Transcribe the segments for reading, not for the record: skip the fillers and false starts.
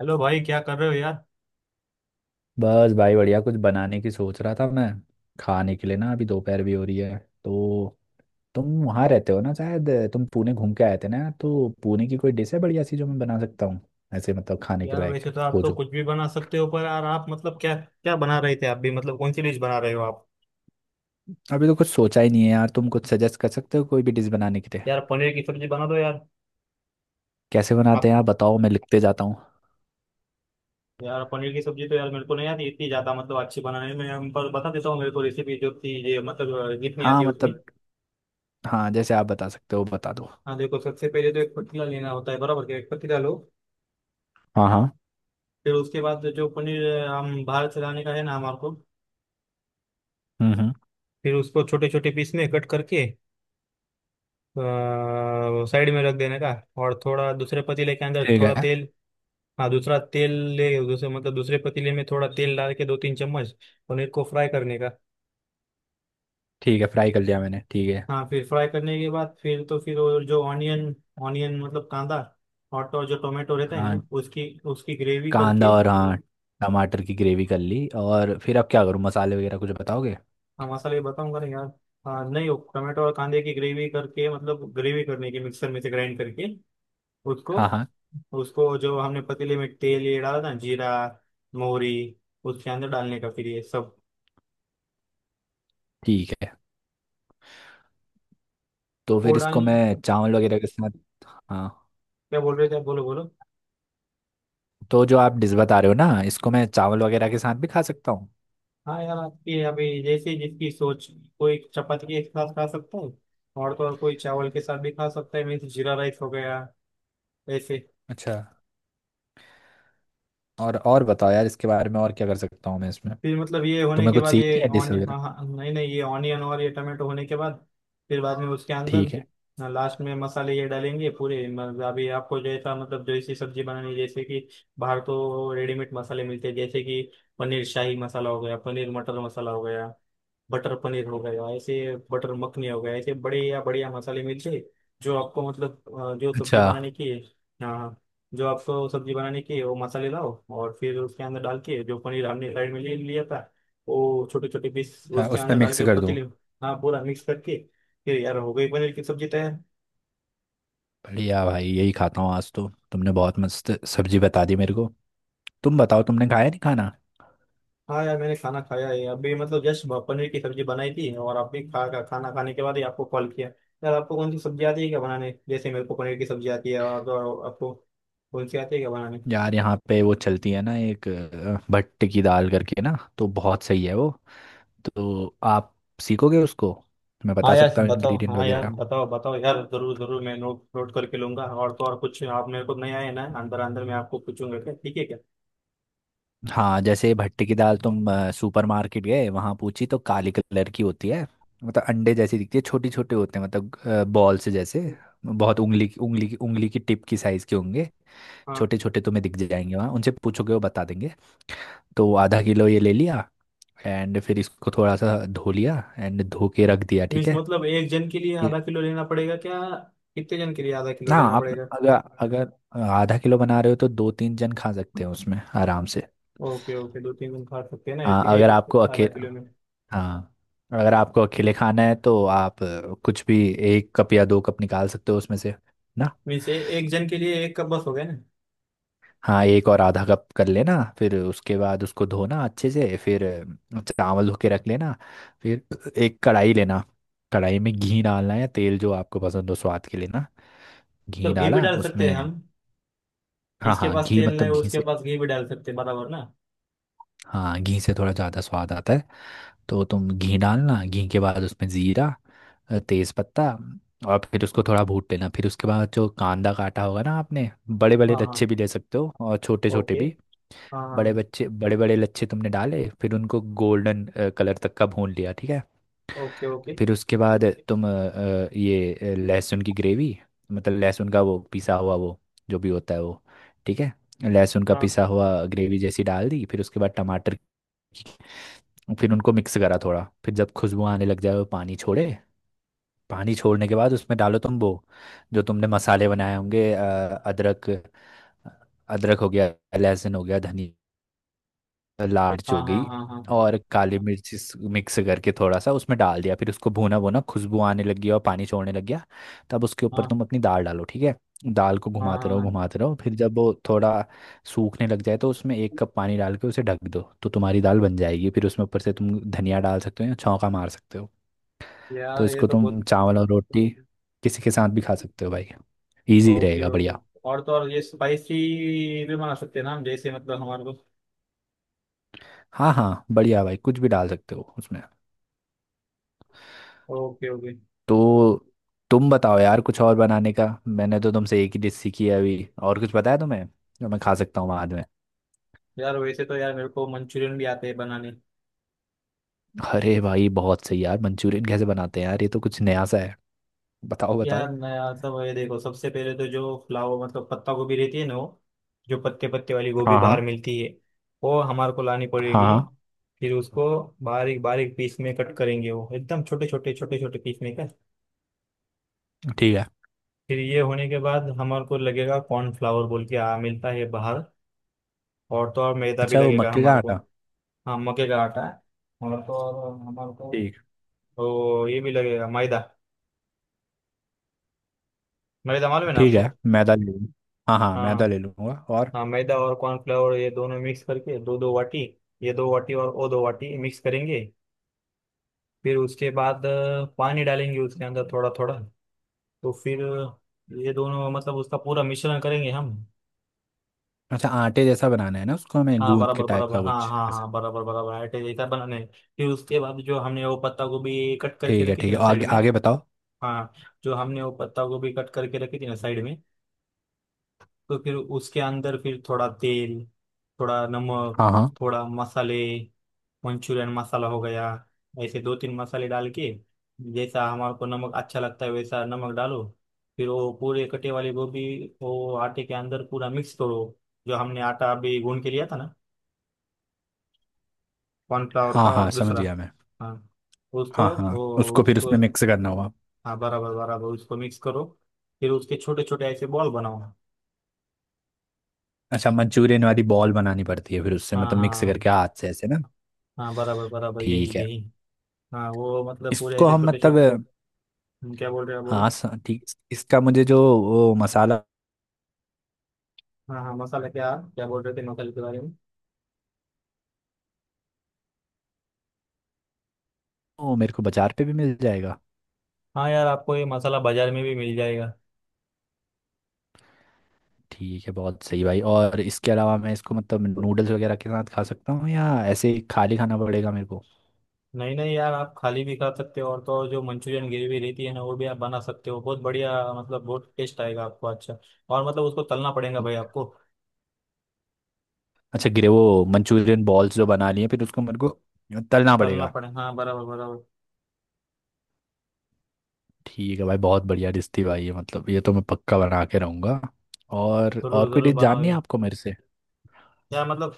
Hello भाई, क्या कर रहे हो यार। बस भाई बढ़िया कुछ बनाने की सोच रहा था मैं। खाने के लिए ना, अभी दोपहर भी हो रही है तो तुम वहाँ रहते हो ना, शायद तुम पुणे घूम के आए थे ना, तो पुणे की कोई डिश है बढ़िया सी जो मैं बना सकता हूँ ऐसे मतलब खाने के यार, लायक वैसे तो आप हो? तो जो कुछ भी बना सकते हो, पर यार आप मतलब क्या क्या बना रहे थे, आप भी मतलब कौन सी डिश बना रहे हो आप। अभी तो कुछ सोचा ही नहीं है यार। तुम कुछ सजेस्ट कर सकते हो कोई भी डिश बनाने के लिए? यार, पनीर की सब्जी बना दो यार। कैसे बनाते आप। हैं आप बताओ, मैं लिखते जाता हूँ। यार, पनीर की सब्जी तो यार मेरे को नहीं आती इतनी ज्यादा मतलब अच्छी बनाने में, हम पर बता देता हूँ मेरे को रेसिपी जो थी ये मतलब जितनी हाँ आती है उतनी। मतलब, हाँ जैसे आप बता सकते हो बता दो। हाँ, देखो सबसे पहले तो एक पतीला लेना होता है, बराबर के एक पतीला लो। हाँ हाँ। फिर उसके बाद जो पनीर हम बाहर से लाने का है ना हमारे को। हम्म। फिर उसको छोटे छोटे पीस में कट करके, साइड में रख देने का। और थोड़ा दूसरे पतीले के अंदर ठीक थोड़ा है। तेल। हाँ, दूसरा तेल। ले, दूसरे मतलब दूसरे पतीले में थोड़ा तेल डाल के 2-3 चम्मच, पनीर को फ्राई करने का। ठीक है, फ्राई कर लिया मैंने, ठीक है। हाँ, फिर फ्राई करने के बाद फिर तो फिर वो जो ऑनियन, ऑनियन मतलब कांदा। और तो और जो टोमेटो रहता है ना, हाँ उसकी उसकी ग्रेवी कांदा, करके। और हाँ टमाटर की ग्रेवी कर ली, और फिर अब क्या करूँ, मसाले वगैरह कुछ बताओगे? हाँ, मसाले बताऊंगा ना यार। हाँ नहीं, वो टोमेटो और कांदे की ग्रेवी करके मतलब ग्रेवी करने की, मिक्सर में से ग्राइंड करके उसको। हाँ हाँ। उसको जो हमने पतीले में तेल ये डाला ना जीरा, मोहरी, उसके अंदर डालने का फिर ये सब। ठीक है, तो वो फिर इसको डाल। मैं चावल वगैरह के साथ, हाँ, क्या बोल रहे थे आप? बोलो, बोलो। तो जो आप डिश बता रहे हो ना, इसको मैं चावल वगैरह के साथ भी खा सकता हूँ? हाँ यार, आपकी अभी जैसे जिसकी सोच। कोई चपाती के साथ खा सकता है। और तो और कोई चावल के साथ भी खा सकता है, मीन्स जीरा राइस हो गया। ऐसे। अच्छा। और बताओ यार, इसके बारे में और क्या कर सकता हूँ मैं इसमें? फिर मतलब ये होने तुम्हें के कुछ बाद सीखनी ये है डिश ऑन वगैरह? हाँ हाँ नहीं नहीं, ये ऑनियन और ये टमाटो होने के बाद, फिर बाद में उसके अंदर, ठीक है। लास्ट में मसाले ये डालेंगे पूरे, मतलब अभी आपको जैसा मतलब जैसी सब्जी बनानी है, जैसे कि, बाहर तो रेडीमेड मसाले मिलते हैं, जैसे कि, पनीर शाही मसाला हो गया, पनीर मटर मसाला हो गया, बटर पनीर हो गया, ऐसे बटर मखनी हो गया, ऐसे बड़े या बढ़िया मसाले मिलते हैं, जो आपको मतलब जो सब्जी अच्छा। बनाने की है। हाँ हाँ। जो आपको सब्जी बनाने की है वो मसाले लाओ। और फिर उसके अंदर डाल के जो पनीर हमने साइड में ले लिया था, वो छोटे छोटे पीस हाँ उसके उसमें अंदर डाल मिक्स के कर दूँ। पतीली में, हाँ पूरा मिक्स करके, फिर यार हो गई पनीर की सब्जी तैयार। बढ़िया भाई, यही खाता हूँ आज तो, तुमने बहुत मस्त सब्जी बता दी मेरे को। तुम बताओ, तुमने खाया नहीं खाना? हाँ यार, मैंने खाना खाया है अभी, मतलब जस्ट पनीर की सब्जी बनाई थी और आपने खा खा- खाना खाने के बाद ही आपको कॉल किया। यार, आपको कौन सी सब्जी आती है क्या बनाने, जैसे मेरे को पनीर की सब्जी आती है, और आपको कौन सी आती है क्या बनाने। यार यहाँ पे वो चलती है ना एक भट्ट की दाल करके ना, तो बहुत सही है वो। तो आप सीखोगे उसको? मैं हाँ बता यार सकता हूँ बताओ, इंग्रेडिएंट हाँ यार वगैरह। बताओ बताओ, यार जरूर जरूर मैं नोट नोट करके लूंगा, और तो और कुछ आप मेरे को नहीं आए ना अंदर अंदर मैं आपको पूछूंगा क्या, ठीक है क्या। हाँ जैसे भट्ट की दाल, तुम सुपर मार्केट गए वहाँ पूछी, तो काली कलर की होती है। मतलब अंडे जैसी दिखती है, छोटे छोटे होते हैं, मतलब बॉल से जैसे। बहुत उंगली की उंगली की उंगली की टिप की साइज़ के होंगे। हाँ, छोटे छोटे तुम्हें दिख जाएंगे वहाँ, उनसे पूछोगे वो बता देंगे। तो आधा किलो ये ले लिया, एंड फिर इसको थोड़ा सा धो लिया, एंड धो के रख दिया, ठीक मीन्स है? मतलब एक जन के लिए आधा किलो लेना पड़ेगा क्या, कितने जन के लिए आधा किलो ना लेना आप, पड़ेगा। अगर, अगर आधा किलो बना रहे हो तो दो तीन जन खा सकते हो उसमें आराम से। ओके ओके, दो तीन जन खा सकते हैं ना हाँ एक, अगर एक आपको आधा अकेले, किलो में। हाँ, अगर आपको अकेले खाना है तो आप कुछ भी एक कप या दो कप निकाल सकते हो उसमें से, ना। मीन्स एक जन के लिए एक कप बस हो गया ना। हाँ एक और आधा कप कर लेना, फिर उसके बाद उसको धोना अच्छे से। फिर चावल धो के रख लेना। फिर एक कढ़ाई लेना, कढ़ाई में घी डालना है, तेल जो आपको पसंद हो स्वाद के लिए, ना। घी मतलब घी भी डाला डाल सकते हैं उसमें, हम। हाँ जिसके हाँ पास घी, तेल नहीं मतलब घी उसके से, पास घी भी डाल सकते हैं, बराबर ना। हाँ, घी से थोड़ा ज़्यादा स्वाद आता है। तो तुम घी डालना, घी के बाद उसमें जीरा, तेज पत्ता, और फिर उसको थोड़ा भून लेना। फिर उसके बाद जो कांदा काटा होगा ना आपने, बड़े बड़े हाँ लच्छे हाँ। भी ले सकते हो और छोटे छोटे ओके। भी। हाँ हाँ बड़े हाँ, बच्चे बड़े बड़े लच्छे तुमने डाले, फिर उनको गोल्डन कलर तक का भून लिया, ठीक है। Okay okay. फिर उसके बाद तुम लहसुन की ग्रेवी, मतलब लहसुन का वो पिसा हुआ, वो जो भी होता है वो, ठीक है, लहसुन का हाँ पिसा हुआ ग्रेवी जैसी डाल दी। फिर उसके बाद टमाटर, फिर उनको मिक्स करा थोड़ा। फिर जब खुशबू आने लग जाए, वो पानी छोड़े, पानी छोड़ने के बाद उसमें डालो तुम वो जो तुमने मसाले बनाए होंगे, अदरक, अदरक हो गया, लहसुन हो गया, धनिया, लार्ज हाँ हो हाँ गई, हाँ। हाँ और काली मिर्च मिक्स करके थोड़ा सा उसमें डाल दिया। फिर उसको भूना भूना, खुशबू आने लगी और पानी छोड़ने लग गया, तब उसके हाँ ऊपर हाँ तुम अपनी दाल डालो, ठीक है। दाल को हाँ। घुमाते रहो हाँ घुमाते रहो, फिर जब वो थोड़ा सूखने लग जाए तो उसमें एक कप पानी डाल के उसे ढक दो, तो तुम्हारी दाल बन जाएगी। फिर उसमें ऊपर से तुम धनिया डाल सकते हो या छौंका मार सकते हो। तो यार, ये इसको तो बहुत। तुम चावल और रोटी किसी के साथ भी खा सकते हो भाई, इजी ओके रहेगा, ओके। बढ़िया। और तो और ये स्पाइसी भी बना सकते हैं ना हम, जैसे मतलब हमारे को। हाँ हाँ बढ़िया भाई, कुछ भी डाल सकते हो उसमें। Okay okay. तो तुम बताओ यार, कुछ और बनाने का? मैंने तो तुमसे एक ही डिश सीखी है अभी, और कुछ बताया तुम्हें जो मैं खा सकता हूँ बाद में? यार, वैसे तो यार मेरे को मंचूरियन भी आते हैं बनाने। अरे भाई बहुत सही यार, मंचूरियन कैसे बनाते हैं यार, ये तो कुछ नया सा है, बताओ बताओ। यार मैं मतलब ये देखो, सबसे पहले तो जो फ्लावर मतलब पत्ता गोभी रहती है ना वो, जो पत्ते पत्ते वाली गोभी हाँ बाहर हाँ मिलती है, वो हमारे को लानी हाँ पड़ेगी। हाँ। फिर उसको बारीक बारीक पीस में कट करेंगे, वो एकदम छोटे छोटे छोटे छोटे पीस में कट। ठीक है। फिर ये होने के बाद हमारे को लगेगा कॉर्नफ्लावर बोल के आ, मिलता है बाहर। और तो और मैदा भी अच्छा, वो लगेगा मक्के का हमारे को। आटा? हाँ, मक्के का आटा है। और तो और हमारे को, ठीक। तो ये भी लगेगा मैदा। मैदा मालूम है ना ठीक है आपको। मैदा ले लूँ, हाँ हाँ हाँ मैदा हाँ। ले लूँगा, और? हाँ, मैदा और कॉर्नफ्लावर ये दोनों मिक्स करके दो दो वाटी, ये दो वाटी और वो दो वाटी मिक्स करेंगे। फिर उसके बाद पानी डालेंगे उसके अंदर थोड़ा थोड़ा। तो फिर, ये दोनों मतलब उसका पूरा मिश्रण करेंगे हम। अच्छा आटे जैसा बनाना है ना उसको, हमें हाँ गूंद के बराबर टाइप बराबर, का हाँ कुछ हाँ ऐसा। हाँ, बराबर बराबर आटे जैसा बनाने हैं। फिर उसके बाद जो हमने वो पत्ता गोभी कट करके ठीक है, रखी थी ठीक ना है, साइड आगे में। आगे बताओ। हाँ। जो हमने वो पत्ता गोभी कट करके रखी थी ना साइड में, तो फिर उसके अंदर फिर थोड़ा तेल, थोड़ा नमक, हाँ हाँ थोड़ा मसाले, मंचूरियन मसाला हो गया, ऐसे दो तीन मसाले डाल के, जैसा हमारे को नमक अच्छा लगता है वैसा नमक डालो। फिर वो पूरे कटे वाली गोभी, वो आटे के अंदर पूरा मिक्स करो, जो हमने आटा अभी गूंद के लिया था ना, कॉर्नफ्लावर हाँ, का और हाँ समझ दूसरा। गया मैं। हाँ। हाँ उसको हाँ वो उसको फिर उसको उसमें मिक्स करना होगा। हाँ बराबर बराबर, उसको मिक्स करो। फिर उसके छोटे छोटे ऐसे बॉल बनाओ। अच्छा मंचूरियन वाली बॉल बनानी पड़ती है फिर, उससे हाँ मतलब मिक्स हाँ करके हाथ से ऐसे, ना? हाँ, बराबर बराबर, यही ठीक है। यही। हाँ वो मतलब पूरे इसको ऐसे हम छोटे छोटे। मतलब, क्या बोल रहे हो आप, बोलो। हाँ ठीक, इसका मुझे जो, वो मसाला हाँ हाँ, मसाला क्या क्या बोल रहे थे मसाले के बारे में। वो मेरे को बाजार पे भी मिल जाएगा? हाँ यार, आपको ये मसाला बाजार में भी मिल जाएगा। ठीक है, बहुत सही भाई। और इसके अलावा मैं इसको मतलब नूडल्स वगैरह के साथ खा सकता हूँ या ऐसे ही खाली खाना पड़ेगा मेरे को? नहीं नहीं यार, आप खाली भी खा सकते हो, और तो और जो मंचूरियन ग्रेवी रहती है ना वो भी आप बना सकते हो, बहुत बढ़िया मतलब बहुत टेस्ट आएगा आपको अच्छा। और मतलब उसको तलना पड़ेगा भाई आपको। अच्छा, गिरे वो मंचूरियन बॉल्स जो बना लिए, फिर उसको मेरे को तलना तलना पड़ेगा। पड़े हाँ, बराबर बराबर। ठीक है भाई, बहुत बढ़िया डिश थी भाई ये, मतलब ये तो मैं पक्का बना के रहूँगा। जरूर और कोई जरूर डिश बनाओ जाननी है यार। आपको मेरे से? यार मतलब,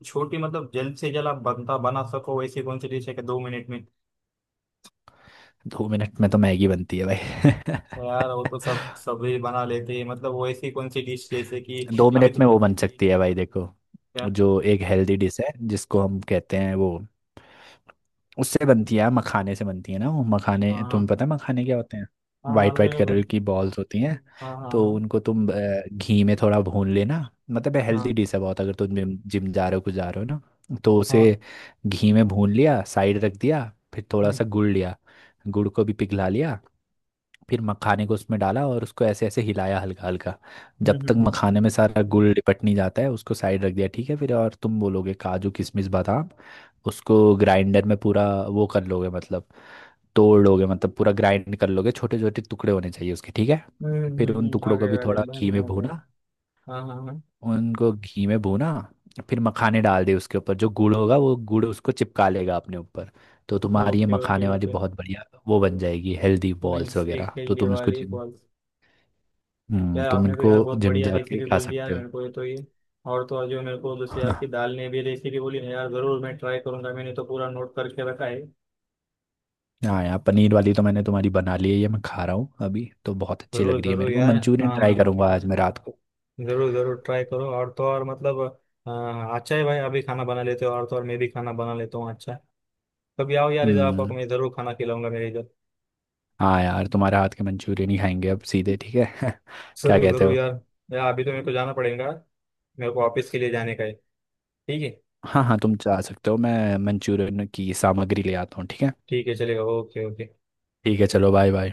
छोटी मतलब जल्द से जल्द आप बनता बना सको वैसी कौन सी डिश है कि 2 मिनट में। दो मिनट में तो मैगी बनती है भाई। यार वो तो सब सभी बना लेते हैं, मतलब वो ऐसी कौन सी डिश जैसे कि, दो अभी मिनट तो। में वो बन सकती है भाई, देखो, क्या? जो एक हेल्दी डिश है जिसको हम कहते हैं वो, उससे बनती है, मखाने से बनती है ना वो। मखाने हाँ हाँ तुम्हें पता है मखाने क्या होते हैं? हाँ, वाइट मालूम है वाइट ना भाई। कलर की बॉल्स होती हैं। हाँ हाँ तो हाँ उनको तुम घी में थोड़ा भून लेना। मतलब हेल्दी हाँ डिश है बहुत, अगर तुम जिम जिम जा रहे हो, कुछ जा रहे हो ना, तो उसे हाँ। घी में भून लिया, साइड रख दिया। फिर थोड़ा हम्म सा गुड़ लिया, गुड़ को भी पिघला लिया, फिर मखाने को उसमें डाला और उसको ऐसे ऐसे हिलाया हल्का हल्का। जब हम्म तक हम्म मखाने में सारा गुड़ लिपट नहीं जाता, है उसको साइड रख दिया, ठीक है। फिर और तुम बोलोगे काजू किशमिश बादाम, उसको ग्राइंडर में पूरा वो कर लोगे, मतलब तोड़ लोगे, मतलब पूरा ग्राइंड कर लोगे, छोटे छोटे टुकड़े होने चाहिए उसके, ठीक है। फिर उन टुकड़ों को भी आ गए थोड़ा बहन घी में आ गए। भूना, हाँ हाँ हाँ। उनको घी में भूना, फिर मखाने डाल दिए उसके ऊपर, जो गुड़ होगा वो गुड़ उसको चिपका लेगा अपने ऊपर। तो तुम्हारी ये ओके ओके मखाने वाली ओके। बहुत बढ़िया वो बन जाएगी, हेल्दी बॉल्स मीन्स एक वगैरह, तो हेल्दी तुम इसको वाली जिम, बॉल। यार, तुम आपने तो इनको यार बहुत जिम बढ़िया जाके रेसिपी खा बोल दी यार सकते हो। मेरे को, ये तो ये। और तो और जो मेरे को दूसरी हाँ, आपकी दाल ने भी रेसिपी बोली ना यार, जरूर मैं ट्राई करूंगा, मैंने तो पूरा नोट करके रखा है। हाँ यार पनीर वाली तो मैंने तुम्हारी बना ली है, ये मैं खा रहा हूँ अभी तो, बहुत अच्छी जरूर लग रही है जरूर मेरे को। यार, मंचूरियन हाँ हाँ ट्राई हाँ। करूंगा आज मैं रात को। जरूर जरूर ट्राई करो, और तो और मतलब, अच्छा है भाई अभी खाना बना लेते हो और तो और मैं भी खाना बना लेता हूँ अच्छा है। कभी आओ यार इधर, आपको हम्म। मैं जरूर खाना खिलाऊंगा मेरे इधर। हाँ यार तुम्हारे हाथ के मंचूरियन ही खाएंगे अब सीधे, ठीक है। क्या जरूर कहते जरूर हो? यार। यार अभी तो मेरे को जाना पड़ेगा। मेरे को ऑफिस के लिए जाने का है। ठीक है। हाँ हाँ तुम जा सकते हो, मैं मंचूरियन की सामग्री ले आता हूँ, ठीक है। ठीक है, चलेगा, ओके ओके। ठीक है, चलो बाय बाय।